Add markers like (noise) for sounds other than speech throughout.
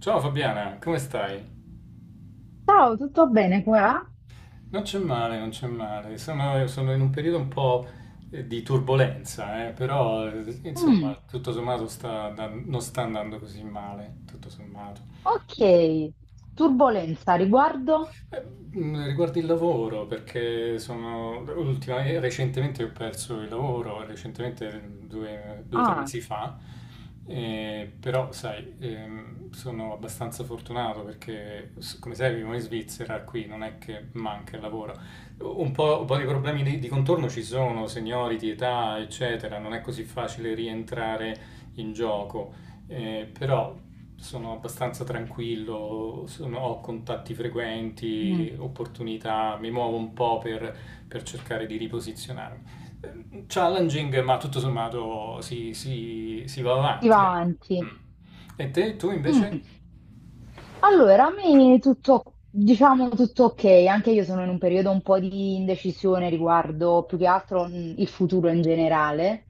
Ciao Fabiana, come stai? Ciao, tutto bene qua? Non c'è male, non c'è male. Sono in un periodo un po' di turbolenza, però insomma, Mm, tutto sommato non sta andando così male, tutto sommato. ok, turbolenza riguardo? Riguardo il lavoro, perché recentemente ho perso il lavoro, recentemente due o tre Ah, mesi fa, però sai, sono abbastanza fortunato perché come sai vivo in Svizzera, qui non è che manca il lavoro. Un po' di problemi di contorno ci sono, seniority, età, eccetera, non è così facile rientrare in gioco. Però sono abbastanza tranquillo, ho contatti mm, frequenti, opportunità, mi muovo un po' per cercare di riposizionarmi. Challenging, ma tutto sommato si va si avanti. va Ecco. avanti. Mm. E te, tu invece? Allora, a me tutto, diciamo tutto ok, anche io sono in un periodo un po' di indecisione riguardo più che altro il futuro in generale.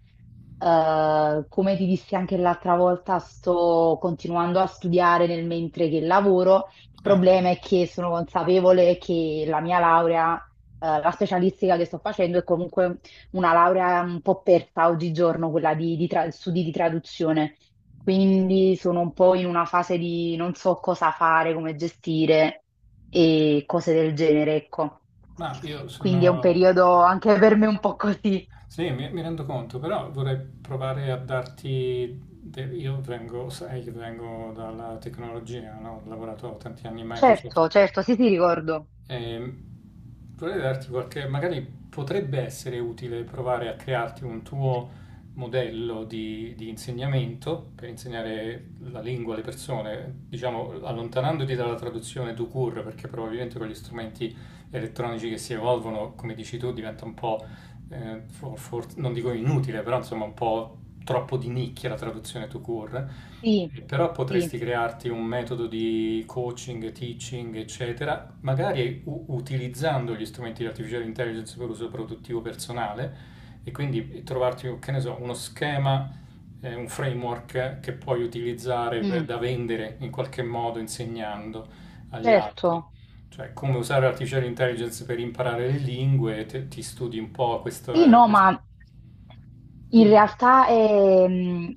Come ti dissi anche l'altra volta, sto continuando a studiare nel mentre che lavoro. Il Eh, problema è che sono consapevole che la mia laurea, la specialistica che sto facendo è comunque una laurea un po' persa oggigiorno, quella di studi di traduzione. Quindi sono un po' in una fase di non so cosa fare, come gestire e cose del genere, ecco. ma io Quindi è un sono... periodo anche per me un po' così. Sì, mi rendo conto, però vorrei provare a darti. Io vengo, sai che vengo dalla tecnologia, no? Ho lavorato tanti anni in Certo, Microsoft. certo, sì, sì, ricordo. Ehm, Vorrei darti qualche, magari potrebbe essere utile provare a crearti un tuo modello di insegnamento per insegnare la lingua alle persone, diciamo allontanandoti dalla traduzione do cur, perché probabilmente con gli strumenti elettronici che si evolvono, come dici tu, diventa un po', non dico inutile, però insomma un po' troppo di nicchia la traduzione do cur. Sì, Però sì, potresti crearti un metodo di coaching, teaching, eccetera, magari utilizzando gli strumenti di artificial intelligence per uso produttivo personale e quindi trovarti, che ne so, uno schema, un framework che puoi utilizzare mm, da vendere in qualche modo insegnando agli altri. certo. Cioè, come usare artificial intelligence per imparare le lingue, ti studi un po' Sì, questo... eh, no, questo. ma in Dimmi, realtà ehm,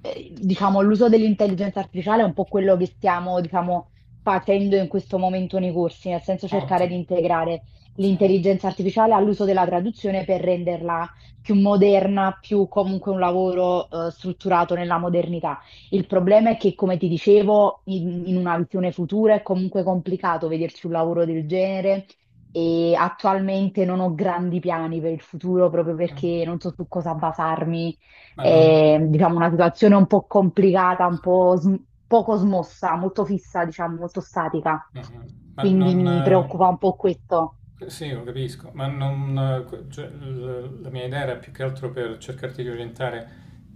eh, diciamo, l'uso dell'intelligenza artificiale è un po' quello che stiamo, diciamo, facendo in questo momento nei corsi, nel senso cercare di ottimo, integrare sì. L'intelligenza artificiale all'uso della traduzione per renderla più moderna, più comunque un lavoro strutturato nella modernità. Il problema è che, come ti dicevo, in una visione futura è comunque complicato vederci un lavoro del genere e attualmente non ho grandi piani per il futuro proprio perché non so su cosa basarmi. Ma non. È, diciamo, una situazione un po' complicata, poco smossa, molto fissa, diciamo, molto statica. Mhm. Ma Quindi non. mi preoccupa un po' questo. Sì, lo capisco, ma non, cioè, la mia idea era più che altro per cercarti di orientare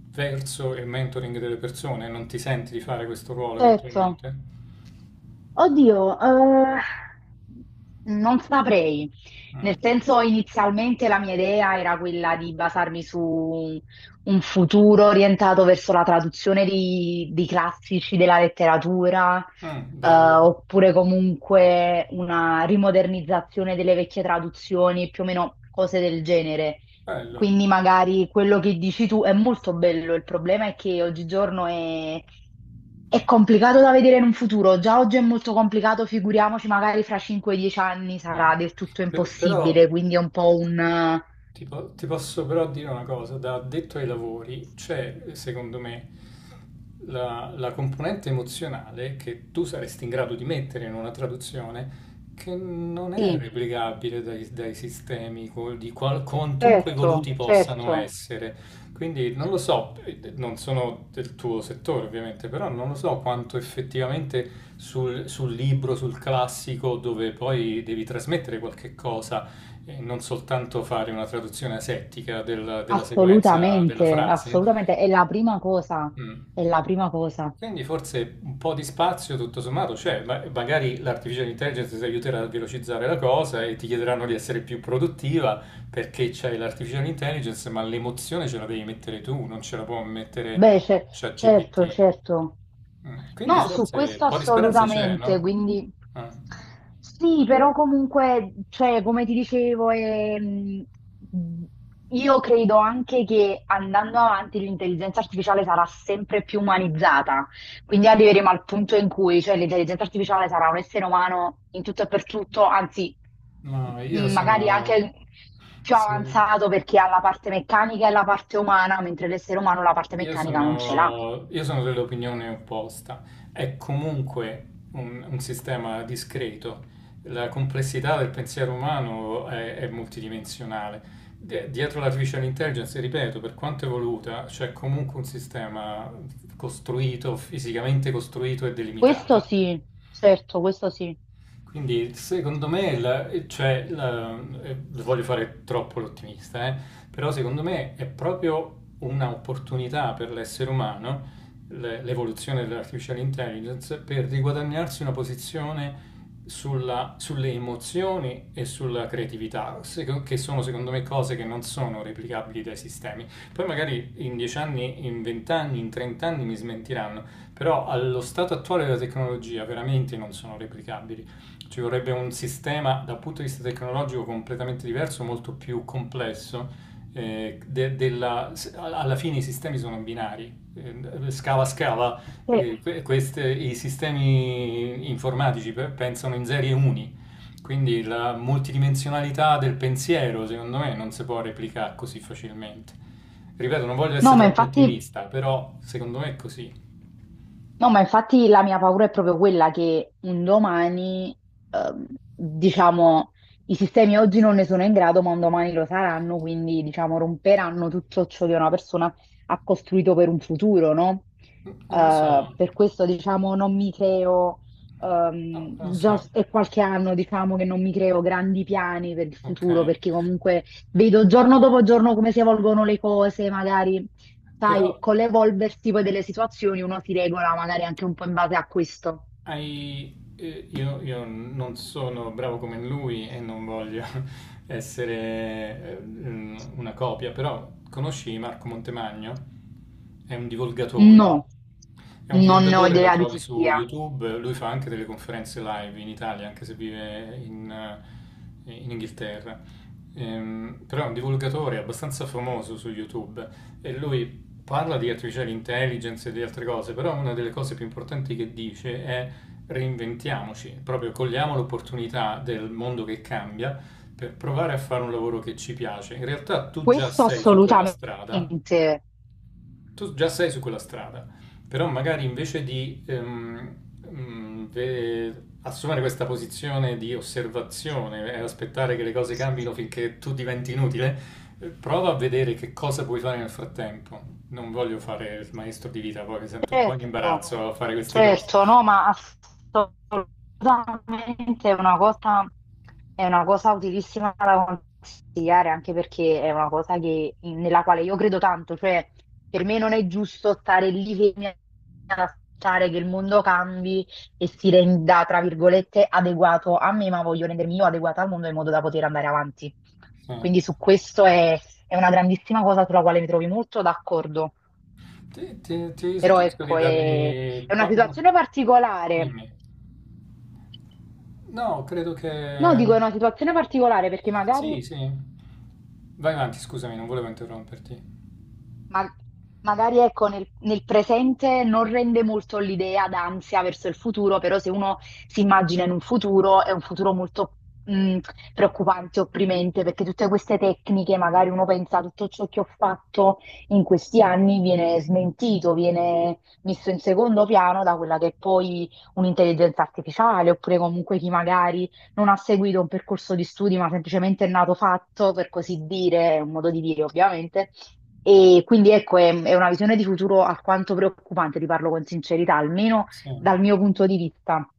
verso il mentoring delle persone. Non ti senti di fare questo ruolo Certo. eventualmente? Oddio, non saprei. Mm. Nel senso, inizialmente la mia idea era quella di basarmi su un futuro orientato verso la traduzione di classici della letteratura, Mm, bello, oppure comunque una rimodernizzazione delle vecchie traduzioni, più o meno cose del genere. bello. Quindi magari quello che dici tu è molto bello, il problema è che oggigiorno è complicato da vedere in un futuro, già oggi è molto complicato, figuriamoci, magari fra 5-10 anni Mm. sarà del tutto Però, impossibile, quindi è un po' un... ti posso però dire una cosa, da addetto ai lavori c'è, secondo me, la componente emozionale che tu saresti in grado di mettere in una traduzione che non è sì, replicabile dai sistemi di quantunque evoluti certo, possano certo. essere. Quindi non lo so, non sono del tuo settore ovviamente, però non lo so quanto effettivamente sul libro, sul classico, dove poi devi trasmettere qualche cosa e non soltanto fare una traduzione asettica della sequenza della Assolutamente, frase. assolutamente, Mm. è la prima cosa. Quindi forse un po' di spazio tutto sommato c'è, ma magari l'artificial intelligence ti aiuterà a velocizzare la cosa e ti chiederanno di essere più produttiva perché c'hai l'artificial intelligence, ma l'emozione ce la devi mettere tu, non ce la può mettere Beh, ce- certo, ChatGPT. certo. Mm. Quindi No, su forse un questo po' di speranza c'è, assolutamente, no? quindi Ah. sì, però comunque, cioè, come ti dicevo, io credo anche che andando avanti l'intelligenza artificiale sarà sempre più umanizzata. Quindi arriveremo al punto in cui, cioè, l'intelligenza artificiale sarà un essere umano in tutto e per tutto, anzi, No, io magari sono... anche più sono- avanzato perché ha la parte meccanica e la parte umana, mentre l'essere umano la parte Io meccanica non ce l'ha. sono, io sono dell'opinione opposta. È comunque un sistema discreto. La complessità del pensiero umano è multidimensionale. Dietro l'artificial intelligence, ripeto, per quanto evoluta, c'è comunque un sistema costruito, fisicamente costruito e Questo delimitato. sì, certo, questo sì. Quindi secondo me, cioè, voglio fare troppo l'ottimista, però secondo me è proprio un'opportunità per l'essere umano, l'evoluzione dell'artificial intelligence, per riguadagnarsi una posizione sulle emozioni e sulla creatività, che sono secondo me cose che non sono replicabili dai sistemi. Poi magari in 10 anni, in 20 anni, in 30 anni mi smentiranno, però allo stato attuale della tecnologia veramente non sono replicabili. Ci vorrebbe un sistema dal punto di vista tecnologico completamente diverso, molto più complesso. Alla fine i sistemi sono binari, scala, Eh, i sistemi informatici pensano in serie uni, quindi la multidimensionalità del pensiero, secondo me, non si può replicare così facilmente. Ripeto, non voglio essere no, troppo ottimista, però secondo me è così. Ma infatti la mia paura è proprio quella che un domani, ehm, diciamo, i sistemi oggi non ne sono in grado, ma un domani lo saranno, quindi, diciamo, romperanno tutto ciò che una persona ha costruito per un futuro, no? Non lo so, no, Per questo, diciamo, non mi creo, non lo so, già s- è qualche anno, diciamo, che non mi creo grandi piani per il ok. futuro, perché comunque vedo giorno dopo giorno come si evolvono le cose, magari sai, Però con l'evolversi poi delle situazioni uno si regola magari anche un po' in base a questo. io non sono bravo come lui e non voglio (laughs) essere una copia, però conosci Marco Montemagno? È un divulgatore. No, È un non ne ho divulgatore, lo idea di trovi chi su sia. YouTube, lui fa anche delle conferenze live in Italia, anche se vive in Inghilterra. Però è un divulgatore abbastanza famoso su YouTube e lui parla di artificial intelligence e di altre cose, però una delle cose più importanti che dice è reinventiamoci, proprio cogliamo l'opportunità del mondo che cambia per provare a fare un lavoro che ci piace. In realtà tu già Questo sei su quella strada, assolutamente. tu già sei su quella strada, però magari invece di assumere questa posizione di osservazione e aspettare che le cose cambino finché tu diventi inutile, prova a vedere che cosa puoi fare nel frattempo. Non voglio fare il maestro di vita, poi mi sento un po' in Certo, imbarazzo a fare queste cose. certo, no, ma assolutamente è una cosa utilissima da consigliare, anche perché è una cosa nella quale io credo tanto, cioè per me non è giusto stare lì fermi ad aspettare che il mondo cambi e si renda, tra virgolette, adeguato a me, ma voglio rendermi io adeguata al mondo in modo da poter andare avanti. Sì. Quindi su questo è una grandissima cosa sulla quale mi trovi molto d'accordo. Ti Però suggerisco di ecco, dargli è una qua una. situazione particolare. Dimmi. No, credo No, dico è che. una situazione particolare perché Sì, magari sì. Vai avanti, scusami, non volevo interromperti. Ma- magari ecco, nel presente non rende molto l'idea d'ansia verso il futuro, però se uno si immagina in un futuro, è un futuro molto mh, preoccupante, opprimente, perché tutte queste tecniche, magari uno pensa tutto ciò che ho fatto in questi anni viene smentito, viene messo in secondo piano da quella che è poi un'intelligenza artificiale, oppure comunque chi magari non ha seguito un percorso di studi, ma semplicemente è nato fatto, per così dire, è un modo di dire ovviamente e quindi ecco, è una visione di futuro alquanto preoccupante, ti parlo con sincerità, almeno Sì, dal mio punto di vista.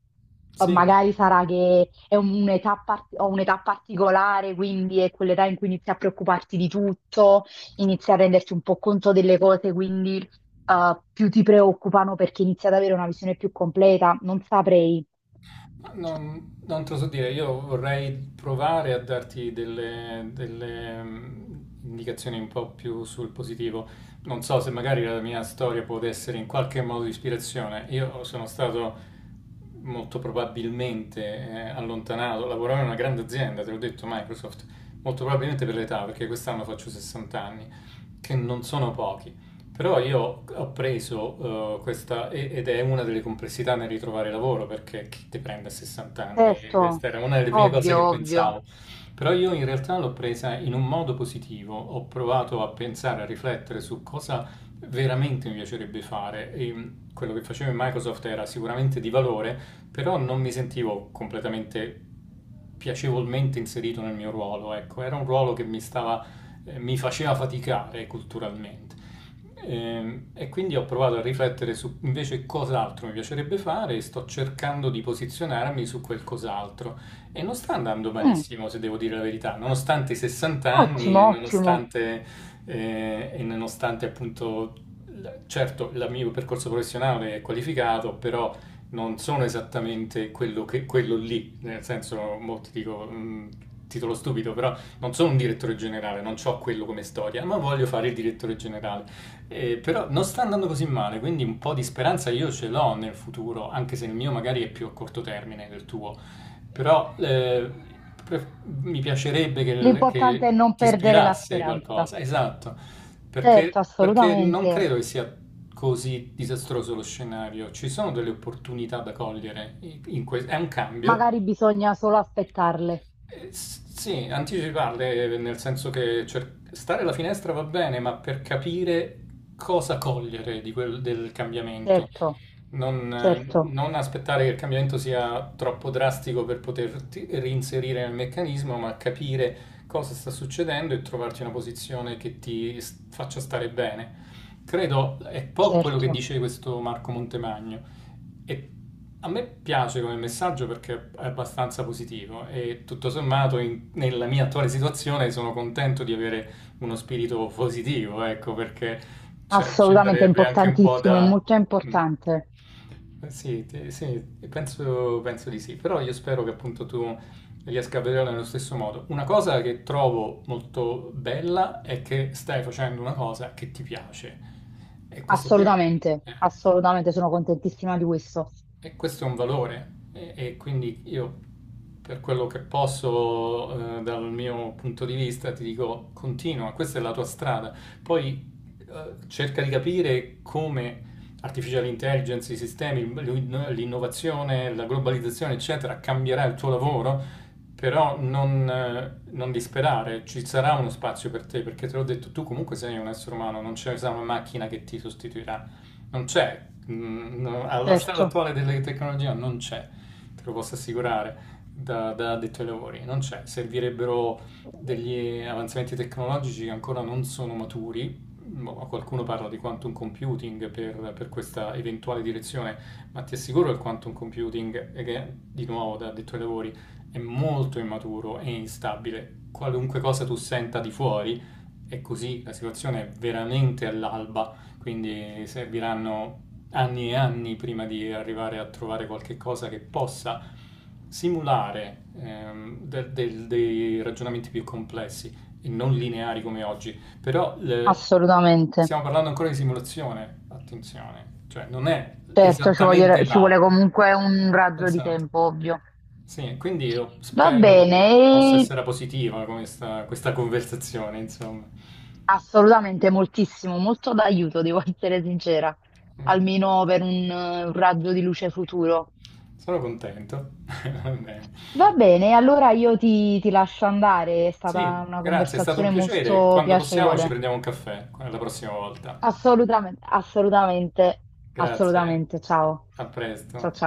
Sì. Magari sarà che è un'età par- ho un'età particolare, quindi è quell'età in cui inizi a preoccuparti di tutto, inizi a renderti un po' conto delle cose, quindi più ti preoccupano perché inizi ad avere una visione più completa. Non saprei. Ma non te lo so dire, io vorrei provare a darti delle indicazioni un po' più sul positivo. Non so se magari la mia storia può essere in qualche modo di ispirazione. Io sono stato molto probabilmente allontanato, lavoravo in una grande azienda, te l'ho detto Microsoft, molto probabilmente per l'età, perché quest'anno faccio 60 anni, che non sono pochi. Però io ho preso questa, ed è una delle complessità nel ritrovare lavoro, perché chi ti prende a 60 anni? Certo, Questa era una delle prime cose ovvio, che ovvio. pensavo. Però io in realtà l'ho presa in un modo positivo, ho provato a pensare, a riflettere su cosa veramente mi piacerebbe fare. E quello che facevo in Microsoft era sicuramente di valore, però non mi sentivo completamente piacevolmente inserito nel mio ruolo, ecco, era un ruolo che mi faceva faticare culturalmente. E quindi ho provato a riflettere su invece cos'altro mi piacerebbe fare e sto cercando di posizionarmi su quel cos'altro. E non sta andando Mm, malissimo, se devo dire la verità, nonostante i 60 anni e ottimo, ottimo. nonostante appunto certo il mio percorso professionale è qualificato, però non sono esattamente quello, che, quello lì, nel senso, molti dico, titolo stupido, però non sono un direttore generale, non ho quello come storia, ma voglio fare il direttore generale. Però non sta andando così male, quindi un po' di speranza io ce l'ho nel futuro, anche se il mio magari è più a corto termine del tuo. Però pre- mi piacerebbe L'importante che è non ti perdere la ispirasse speranza. qualcosa, esatto. Perché, Certo, perché non assolutamente. credo che sia così disastroso lo scenario, ci sono delle opportunità da cogliere, è un cambio. Magari bisogna solo aspettarle. Sì, anticiparle nel senso che stare alla finestra va bene, ma per capire cosa cogliere di del cambiamento Certo, non, eh, certo, non aspettare che il cambiamento sia troppo drastico per poterti reinserire nel meccanismo, ma capire cosa sta succedendo e trovarti una posizione che ti faccia stare bene. Credo è un po' quello che certo. dice questo Marco Montemagno e a me piace come messaggio perché è abbastanza positivo e tutto sommato nella mia attuale situazione sono contento di avere uno spirito positivo, ecco, perché cioè, ci Assolutamente è sarebbe anche un po' importantissimo, è da. molto Mm. importante. Sì, sì, penso di sì, però io spero che appunto tu riesca a vederla nello stesso modo. Una cosa che trovo molto bella è che stai facendo una cosa che ti piace e questo qui è. Assolutamente, assolutamente sono contentissima di questo. E questo è un valore e quindi io per quello che posso dal mio punto di vista ti dico continua, questa è la tua strada. Poi cerca di capire come artificial intelligence, i sistemi, l'innovazione, la globalizzazione, eccetera, cambierà il tuo lavoro, però non disperare, ci sarà uno spazio per te, perché te l'ho detto, tu comunque sei un essere umano, non c'è una macchina che ti sostituirà non c'è, no, alla strada Certo, attuale della tecnologia non c'è, te lo posso assicurare da addetto ai lavori, non c'è, servirebbero degli avanzamenti tecnologici che ancora non sono maturi. Boh, qualcuno parla di quantum computing per questa eventuale direzione, ma ti assicuro che il quantum computing, che di nuovo da addetto ai lavori, è molto immaturo e instabile. Qualunque cosa tu senta di fuori, è così, la situazione è veramente all'alba, quindi serviranno anni e anni prima di arrivare a trovare qualche cosa che possa simulare dei ragionamenti più complessi e non lineari come oggi. Però assolutamente. stiamo parlando ancora di simulazione, attenzione, cioè non è Certo, esattamente ci là. vuole comunque un raggio di Esatto. tempo, ovvio. Sì, quindi io Va spero che bene, possa e essere positiva questa, conversazione, insomma. assolutamente moltissimo, molto d'aiuto, devo (laughs) essere sincera, Mm, almeno per un raggio di luce futuro. sono contento. (laughs) Va bene. Va bene, allora io ti lascio andare, è Sì, stata una grazie, è stato un conversazione piacere. molto Quando possiamo ci piacevole. prendiamo un caffè, la prossima volta. Assolutamente, assolutamente, Grazie, assolutamente. Ciao. a Ciao presto. ciao.